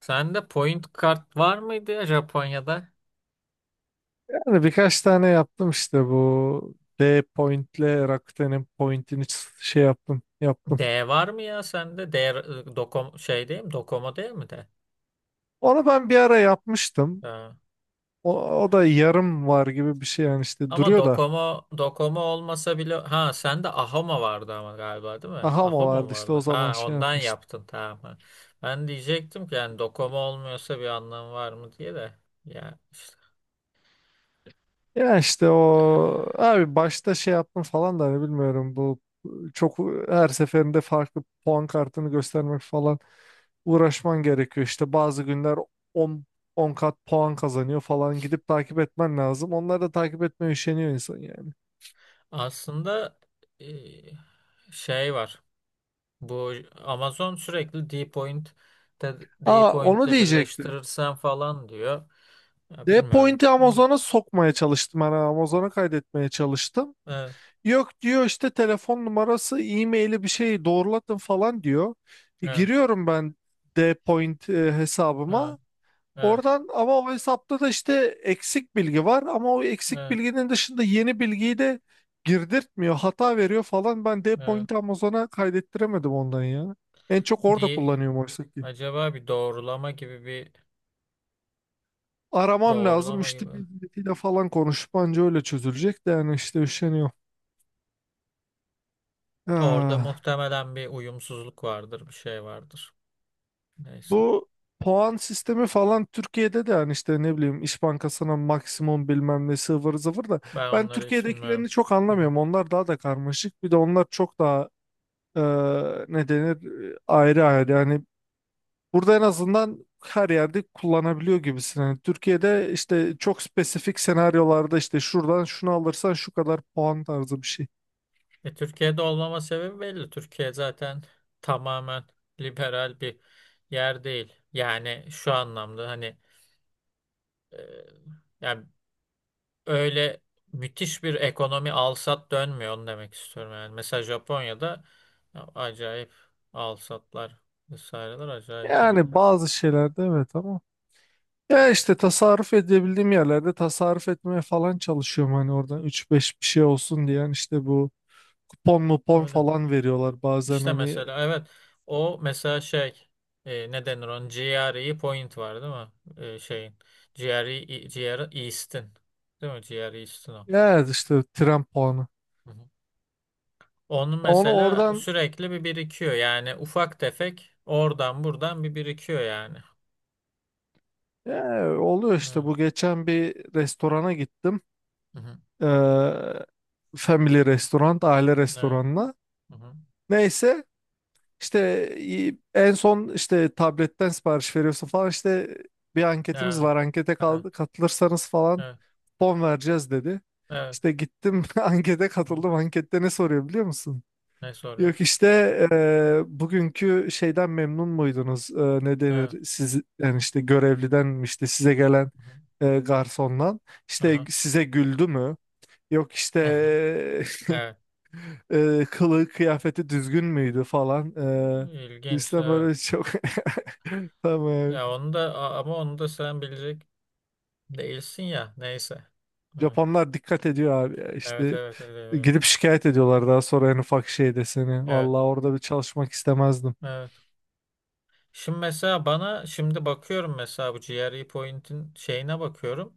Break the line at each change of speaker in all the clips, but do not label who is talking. Sende point kart var mıydı ya Japonya'da?
Yani birkaç tane yaptım işte bu D Point'le Rakuten'in Point'ini şey yaptım yaptım.
D var mı ya sende? D Dokom şey değil mi? Docomo değil mi de?
Onu ben bir ara yapmıştım.
Ha.
O, o da yarım var gibi bir şey yani işte
Ama
duruyor da.
Docomo olmasa bile sende Ahoma vardı ama galiba değil mi?
Aha mı
Ahoma mı
vardı işte
vardı?
o zaman
Ha,
şey
ondan
yapmıştım.
yaptın, tamam. Ha. Ben diyecektim ki yani Docomo olmuyorsa bir anlamı var mı diye de. Ya işte
Ya işte o abi başta şey yaptım falan da hani bilmiyorum bu çok her seferinde farklı puan kartını göstermek falan uğraşman gerekiyor. İşte bazı günler 10 10 kat puan kazanıyor falan gidip takip etmen lazım. Onları da takip etmeye üşeniyor insan yani.
aslında e, şey var. Bu Amazon sürekli Dpoint de-
Aa, onu
Dpoint'le
diyecektim.
birleştirirsen falan diyor. Ya
D
bilmiyorum.
point'i Amazon'a sokmaya çalıştım. Yani Amazon'a kaydetmeye çalıştım.
Evet,
Yok diyor işte telefon numarası, e-maili bir şeyi doğrulatın falan diyor. E,
evet,
giriyorum ben D point
evet,
hesabıma.
evet,
Oradan ama o hesapta da işte eksik bilgi var ama o eksik
evet,
bilginin dışında yeni bilgiyi de girdirtmiyor. Hata veriyor falan. Ben
evet.
Dpoint Amazon'a kaydettiremedim ondan ya. En çok orada
D,
kullanıyorum oysa ki.
acaba bir doğrulama gibi bir
Aramam lazım
doğrulama gibi.
müşteri hizmetiyle falan konuşup anca öyle çözülecek de yani işte üşeniyorum.
Orada
Ah,
muhtemelen bir uyumsuzluk vardır, bir şey vardır. Neyse.
bu puan sistemi falan Türkiye'de de yani işte ne bileyim İş Bankası'na maksimum bilmem ne sıvır zıvır da
Ben
ben
onları hiç bilmiyorum.
Türkiye'dekilerini çok
Hı hı.
anlamıyorum. Onlar daha da karmaşık. Bir de onlar çok daha e, ne denir ayrı ayrı yani burada en azından her yerde kullanabiliyor gibisin. Yani Türkiye'de işte çok spesifik senaryolarda işte şuradan şunu alırsan şu kadar puan tarzı bir şey.
E, Türkiye'de olmama sebebi belli. Türkiye zaten tamamen liberal bir yer değil. Yani şu anlamda hani, Ee, yani öyle müthiş bir ekonomi alsat dönmüyor, onu demek istiyorum yani. Mesela Japonya'da ya acayip alsatlar vesaireler acayip yani.
Yani bazı şeylerde evet ama ya işte tasarruf edebildiğim yerlerde tasarruf etmeye falan çalışıyorum hani oradan üç beş bir şey olsun diye yani işte bu kupon mupon
Öyle.
falan veriyorlar bazen
İşte
hani
mesela evet, o mesela şey, ne denir, onun GRE point var değil mi? E, şeyin GRE East'in değil mi? GRE East'in o.
ya işte tren puanı
Hı hı. Onun
onu
mesela
oradan
sürekli bir birikiyor, yani ufak tefek oradan buradan bir birikiyor yani.
ya, oluyor işte
Evet.
bu geçen bir restorana gittim.
Hı hı.
Ee, family restoran, aile
Evet.
restoranına.
Hı hı.
Neyse işte en son işte tabletten sipariş veriyorsun falan işte bir anketimiz
Evet,
var ankete
evet,
katılırsanız falan
evet,
fon vereceğiz dedi.
evet.
İşte gittim ankete
Hı.
katıldım ankette ne soruyor biliyor musun?
Ne
Yok
soruyor?
işte bugünkü şeyden memnun muydunuz? Ne denir?
Evet.
Siz yani işte görevliden mi işte size gelen
Hı hı.
garsondan işte
Aha.
size güldü mü? Yok işte
Evet.
kılığı kıyafeti düzgün müydü falan. E,
İlginç,
işte
evet.
böyle çok tamam.
Ya onu da ama onu da sen bilecek değilsin ya. Neyse.
Japonlar dikkat ediyor abi ya
Evet,
işte
evet, evet, evet. Evet,
gidip şikayet ediyorlar daha sonra en ufak şeyde seni.
evet,
Vallahi orada bir çalışmak istemezdim.
evet. Şimdi mesela bana şimdi bakıyorum, mesela bu GRE Point'in şeyine bakıyorum.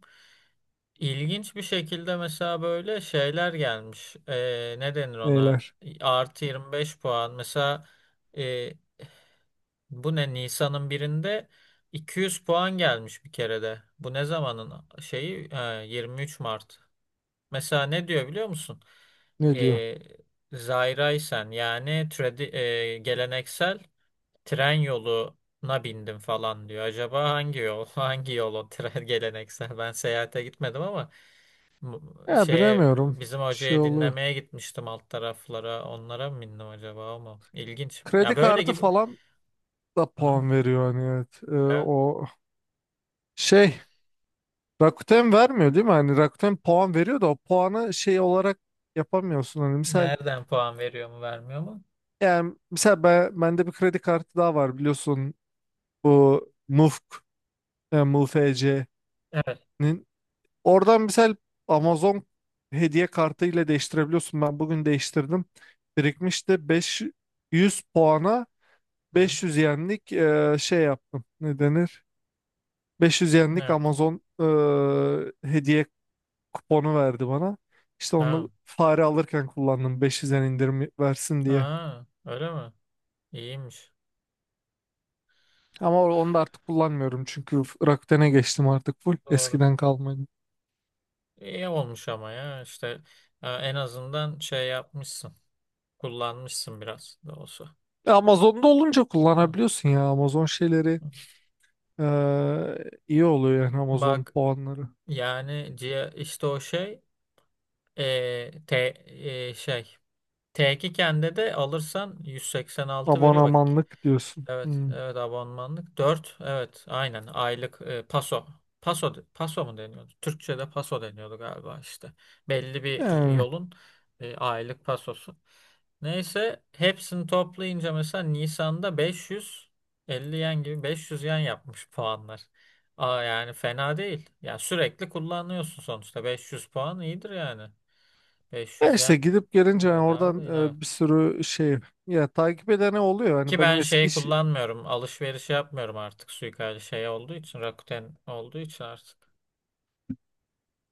İlginç bir şekilde mesela böyle şeyler gelmiş. Ne denir ona?
Neyler?
Artı 25 puan. Mesela bu ne? Nisan'ın birinde 200 puan gelmiş bir kerede. Bu ne zamanın şeyi? Ha, 23 Mart. Mesela ne diyor biliyor musun?
Ne diyor?
Ee, Zairaysen yani geleneksel tren yoluna bindim falan diyor. Acaba hangi yol? Hangi yol o tren geleneksel? Ben seyahate gitmedim ama
Ya
şeye,
bilemiyorum.
bizim
Şey
hocayı
oluyor.
dinlemeye gitmiştim alt taraflara. Onlara mı bindim acaba, ama ilginç.
Kredi
Ya böyle
kartı
gibi.
falan da
Aha.
puan veriyor hani evet. O şey Rakuten vermiyor değil mi? Hani Rakuten puan veriyor da o puanı şey olarak yapamıyorsun. Hani misal
Nereden puan veriyor mu vermiyor mu?
yani misal ben, bende bir kredi kartı daha var biliyorsun bu MUFK yani MUFC'nin
Evet.
oradan misal Amazon hediye kartı ile değiştirebiliyorsun. Ben bugün değiştirdim. Birikmişti 500 puana
Hı hı.
500 yenlik şey yaptım. Ne denir? 500
Ne
yenlik
yaptın?
Amazon hediye kuponu verdi bana. İşte onu
Ha,
fare alırken kullandım 500 yen indirim versin diye.
ha, öyle mi? İyiymiş.
Ama onu da artık kullanmıyorum çünkü Rakuten'e geçtim artık full
Doğru.
eskiden kalmadı.
İyi olmuş ama ya işte en azından şey yapmışsın. Kullanmışsın biraz da olsa.
Amazon'da olunca
Hı,
kullanabiliyorsun ya Amazon şeyleri
hı.
e, iyi oluyor yani Amazon
Bak,
puanları.
yani işte o şey, e, te, şey T2 kendi de alırsan 186 veriyor bak.
Abonamanlık diyorsun.
Evet,
Hmm.
evet, abonmanlık. Dört, evet aynen, aylık paso. Paso, paso mu deniyordu? Türkçe'de paso deniyordu galiba işte. Belli bir
Yani.
yolun aylık pasosu. Neyse hepsini toplayınca mesela Nisan'da 550 yen gibi 500 yen yapmış puanlar. Aa, yani fena değil. Ya sürekli kullanıyorsun sonuçta. 500 puan iyidir yani.
Ya
500
işte
yen
gidip gelince yani
bedava
oradan
değil. Evet.
bir sürü şey ya takip edene oluyor. Hani
Ki
benim
ben
eski
şey
iş,
kullanmıyorum. Alışveriş yapmıyorum artık, suikali şey olduğu için. Rakuten olduğu için artık.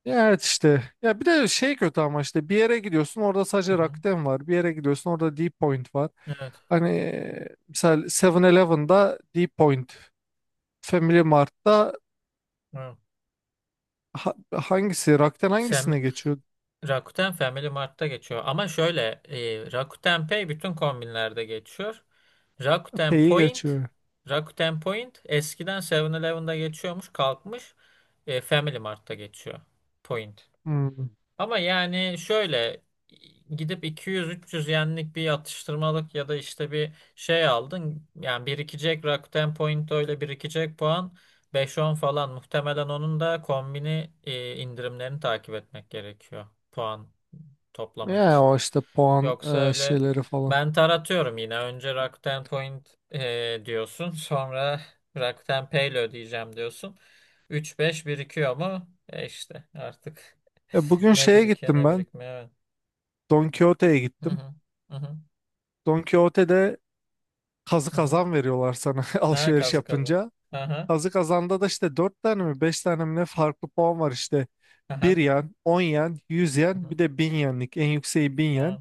ya, evet, işte. Ya bir de şey kötü ama işte bir yere gidiyorsun orada
Hı
sadece
hı.
Rakuten var. Bir yere gidiyorsun orada D-Point var.
Evet.
Hani mesela Seven elevenda D-Point, Family Mart'ta
Evet.
hangisi Rakuten
Sem
hangisine geçiyor?
Rakuten Family Mart'ta geçiyor. Ama şöyle, Rakuten Pay bütün kombinlerde geçiyor. Rakuten
Pay'i
Point
geçiyor.
Rakuten Point eskiden Seven elevenda geçiyormuş, kalkmış. E, Family Mart'ta geçiyor. Point.
Hmm.
Ama yani şöyle, gidip 200-300 yenlik bir atıştırmalık ya da işte bir şey aldın. Yani birikecek Rakuten Point, öyle birikecek puan beş on falan. Muhtemelen onun da kombini indirimlerini takip etmek gerekiyor puan toplamak
Ya
için.
o işte puan
Yoksa öyle
şeyleri falan.
ben taratıyorum yine. Önce Rakuten Point diyorsun. Sonra Rakuten Pay'le ödeyeceğim diyorsun. Üç beş birikiyor mu? E işte artık
Bugün
ne
şeye
birikiyor
gittim
ne
ben.
birikmiyor. Evet.
Don Quixote'ye
Hı
gittim.
hı. Hı hı.
Don Quixote'de kazı
Hı hı.
kazan veriyorlar sana
Ha,
alışveriş
kazı kazı.
yapınca.
Aha.
Kazı kazanda da işte 4 tane mi 5 tane mi ne farklı puan var işte. bir
Aha.
yen, 10 yen, yüz
Hı
yen bir
hı.
de 1.000 yenlik. En yükseği 1.000 yen.
Ha.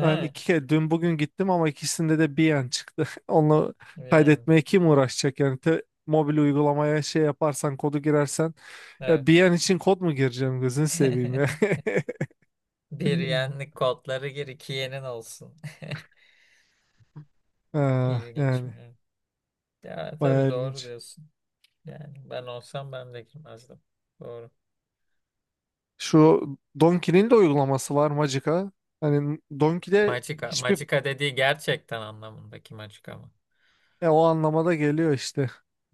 Ben iki kere dün bugün gittim ama ikisinde de 1 yen çıktı. Onu
Bir
kaydetmeye
yenlik.
kim uğraşacak yani mobil uygulamaya şey yaparsan kodu girersen ya
Evet.
1 yen için kod mu gireceğim gözünü seveyim ya.
Bir yenlik kodları gir, iki yenin olsun.
Ha,
İlginç
yani
mi? Ya tabii
bayağı
doğru
ilginç.
diyorsun. Yani ben olsam ben de girmezdim. Doğru.
Şu Donkey'nin de uygulaması var Magica. Hani Donkey'de
Magica.
hiçbir
Magica dediği gerçekten anlamındaki Magica mı?
o anlamada geliyor işte.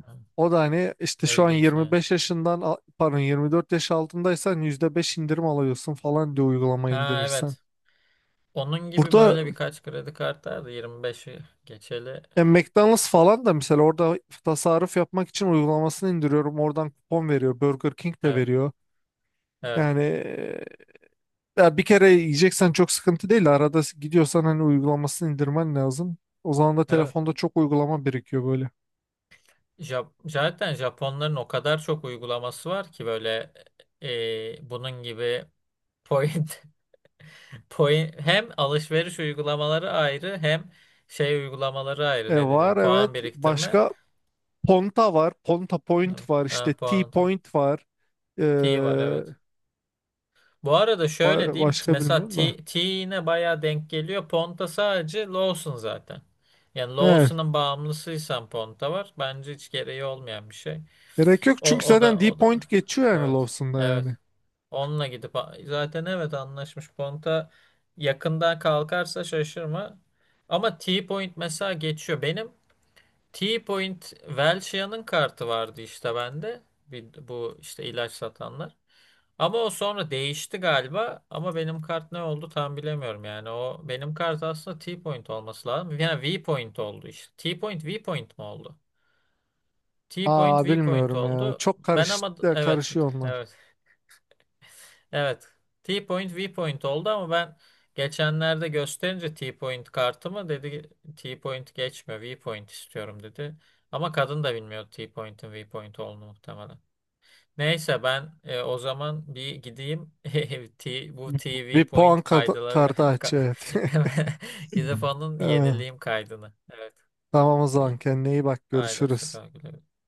Hı.
O da hani işte şu an
İlginç. Ha.
25 yaşından pardon 24 yaş altındaysan %5 indirim alıyorsun falan diye uygulama
Ha,
indirirsen.
evet. Onun gibi
Burada
böyle birkaç kredi kartı vardı, yirmi 25'i geçeli.
McDonald's falan da mesela orada tasarruf yapmak için uygulamasını indiriyorum. Oradan kupon veriyor. Burger King de
Evet.
veriyor.
Evet.
Yani ya bir kere yiyeceksen çok sıkıntı değil. Arada gidiyorsan hani uygulamasını indirmen lazım. O zaman da
Evet.
telefonda çok uygulama birikiyor böyle.
Zaten Japonların o kadar çok uygulaması var ki böyle, bunun gibi point, point hem alışveriş uygulamaları ayrı hem şey uygulamaları ayrı,
E,
ne dedim,
var evet.
puan biriktirme.
Başka Ponta var. Ponta
Evet.
Point var. İşte
Ha, puan.
T-Point var. E,
T var, evet. Bu arada şöyle
Ba-
diyeyim.
başka
Mesela
bilmiyorum da.
T'ine bayağı denk geliyor. Ponta sadece Lawson zaten. Yani
Evet.
Lawson'ın bağımlısıysan Ponta var. Bence hiç gereği olmayan bir şey.
Gerek yok
O,
çünkü
o
zaten
da
D
o da.
point geçiyor yani
Evet.
Lawson'da
Evet.
yani.
Onunla gidip zaten evet anlaşmış. Ponta yakından kalkarsa şaşırma. Ama T-Point mesela geçiyor. Benim T-Point Welchia'nın kartı vardı işte bende. Bir, bu işte ilaç satanlar. Ama o sonra değişti galiba. Ama benim kart ne oldu tam bilemiyorum yani. O benim kart aslında T-point olması lazım. Yani V-point oldu işte. T-point V-point mi oldu? T-point
Aa,
V-point
bilmiyorum ya.
oldu.
Çok
Ben ama evet,
karışıyor onlar.
evet, evet. T-point V-point oldu ama ben geçenlerde gösterince T-point kartımı, dedi T-point geçme V-point istiyorum dedi. Ama kadın da bilmiyor T-point'in V-point olduğunu muhtemelen. Neyse ben o zaman bir gideyim bu
Bir,
TV
bir puan
Point kaydıları
kartı aç
ka-
evet.
hemen gidip onun
Ee,
yenileyim kaydını. Evet.
Tamam o
İyi.
zaman kendine iyi bak
Haydi hoşça
görüşürüz.
kal. Güle güle.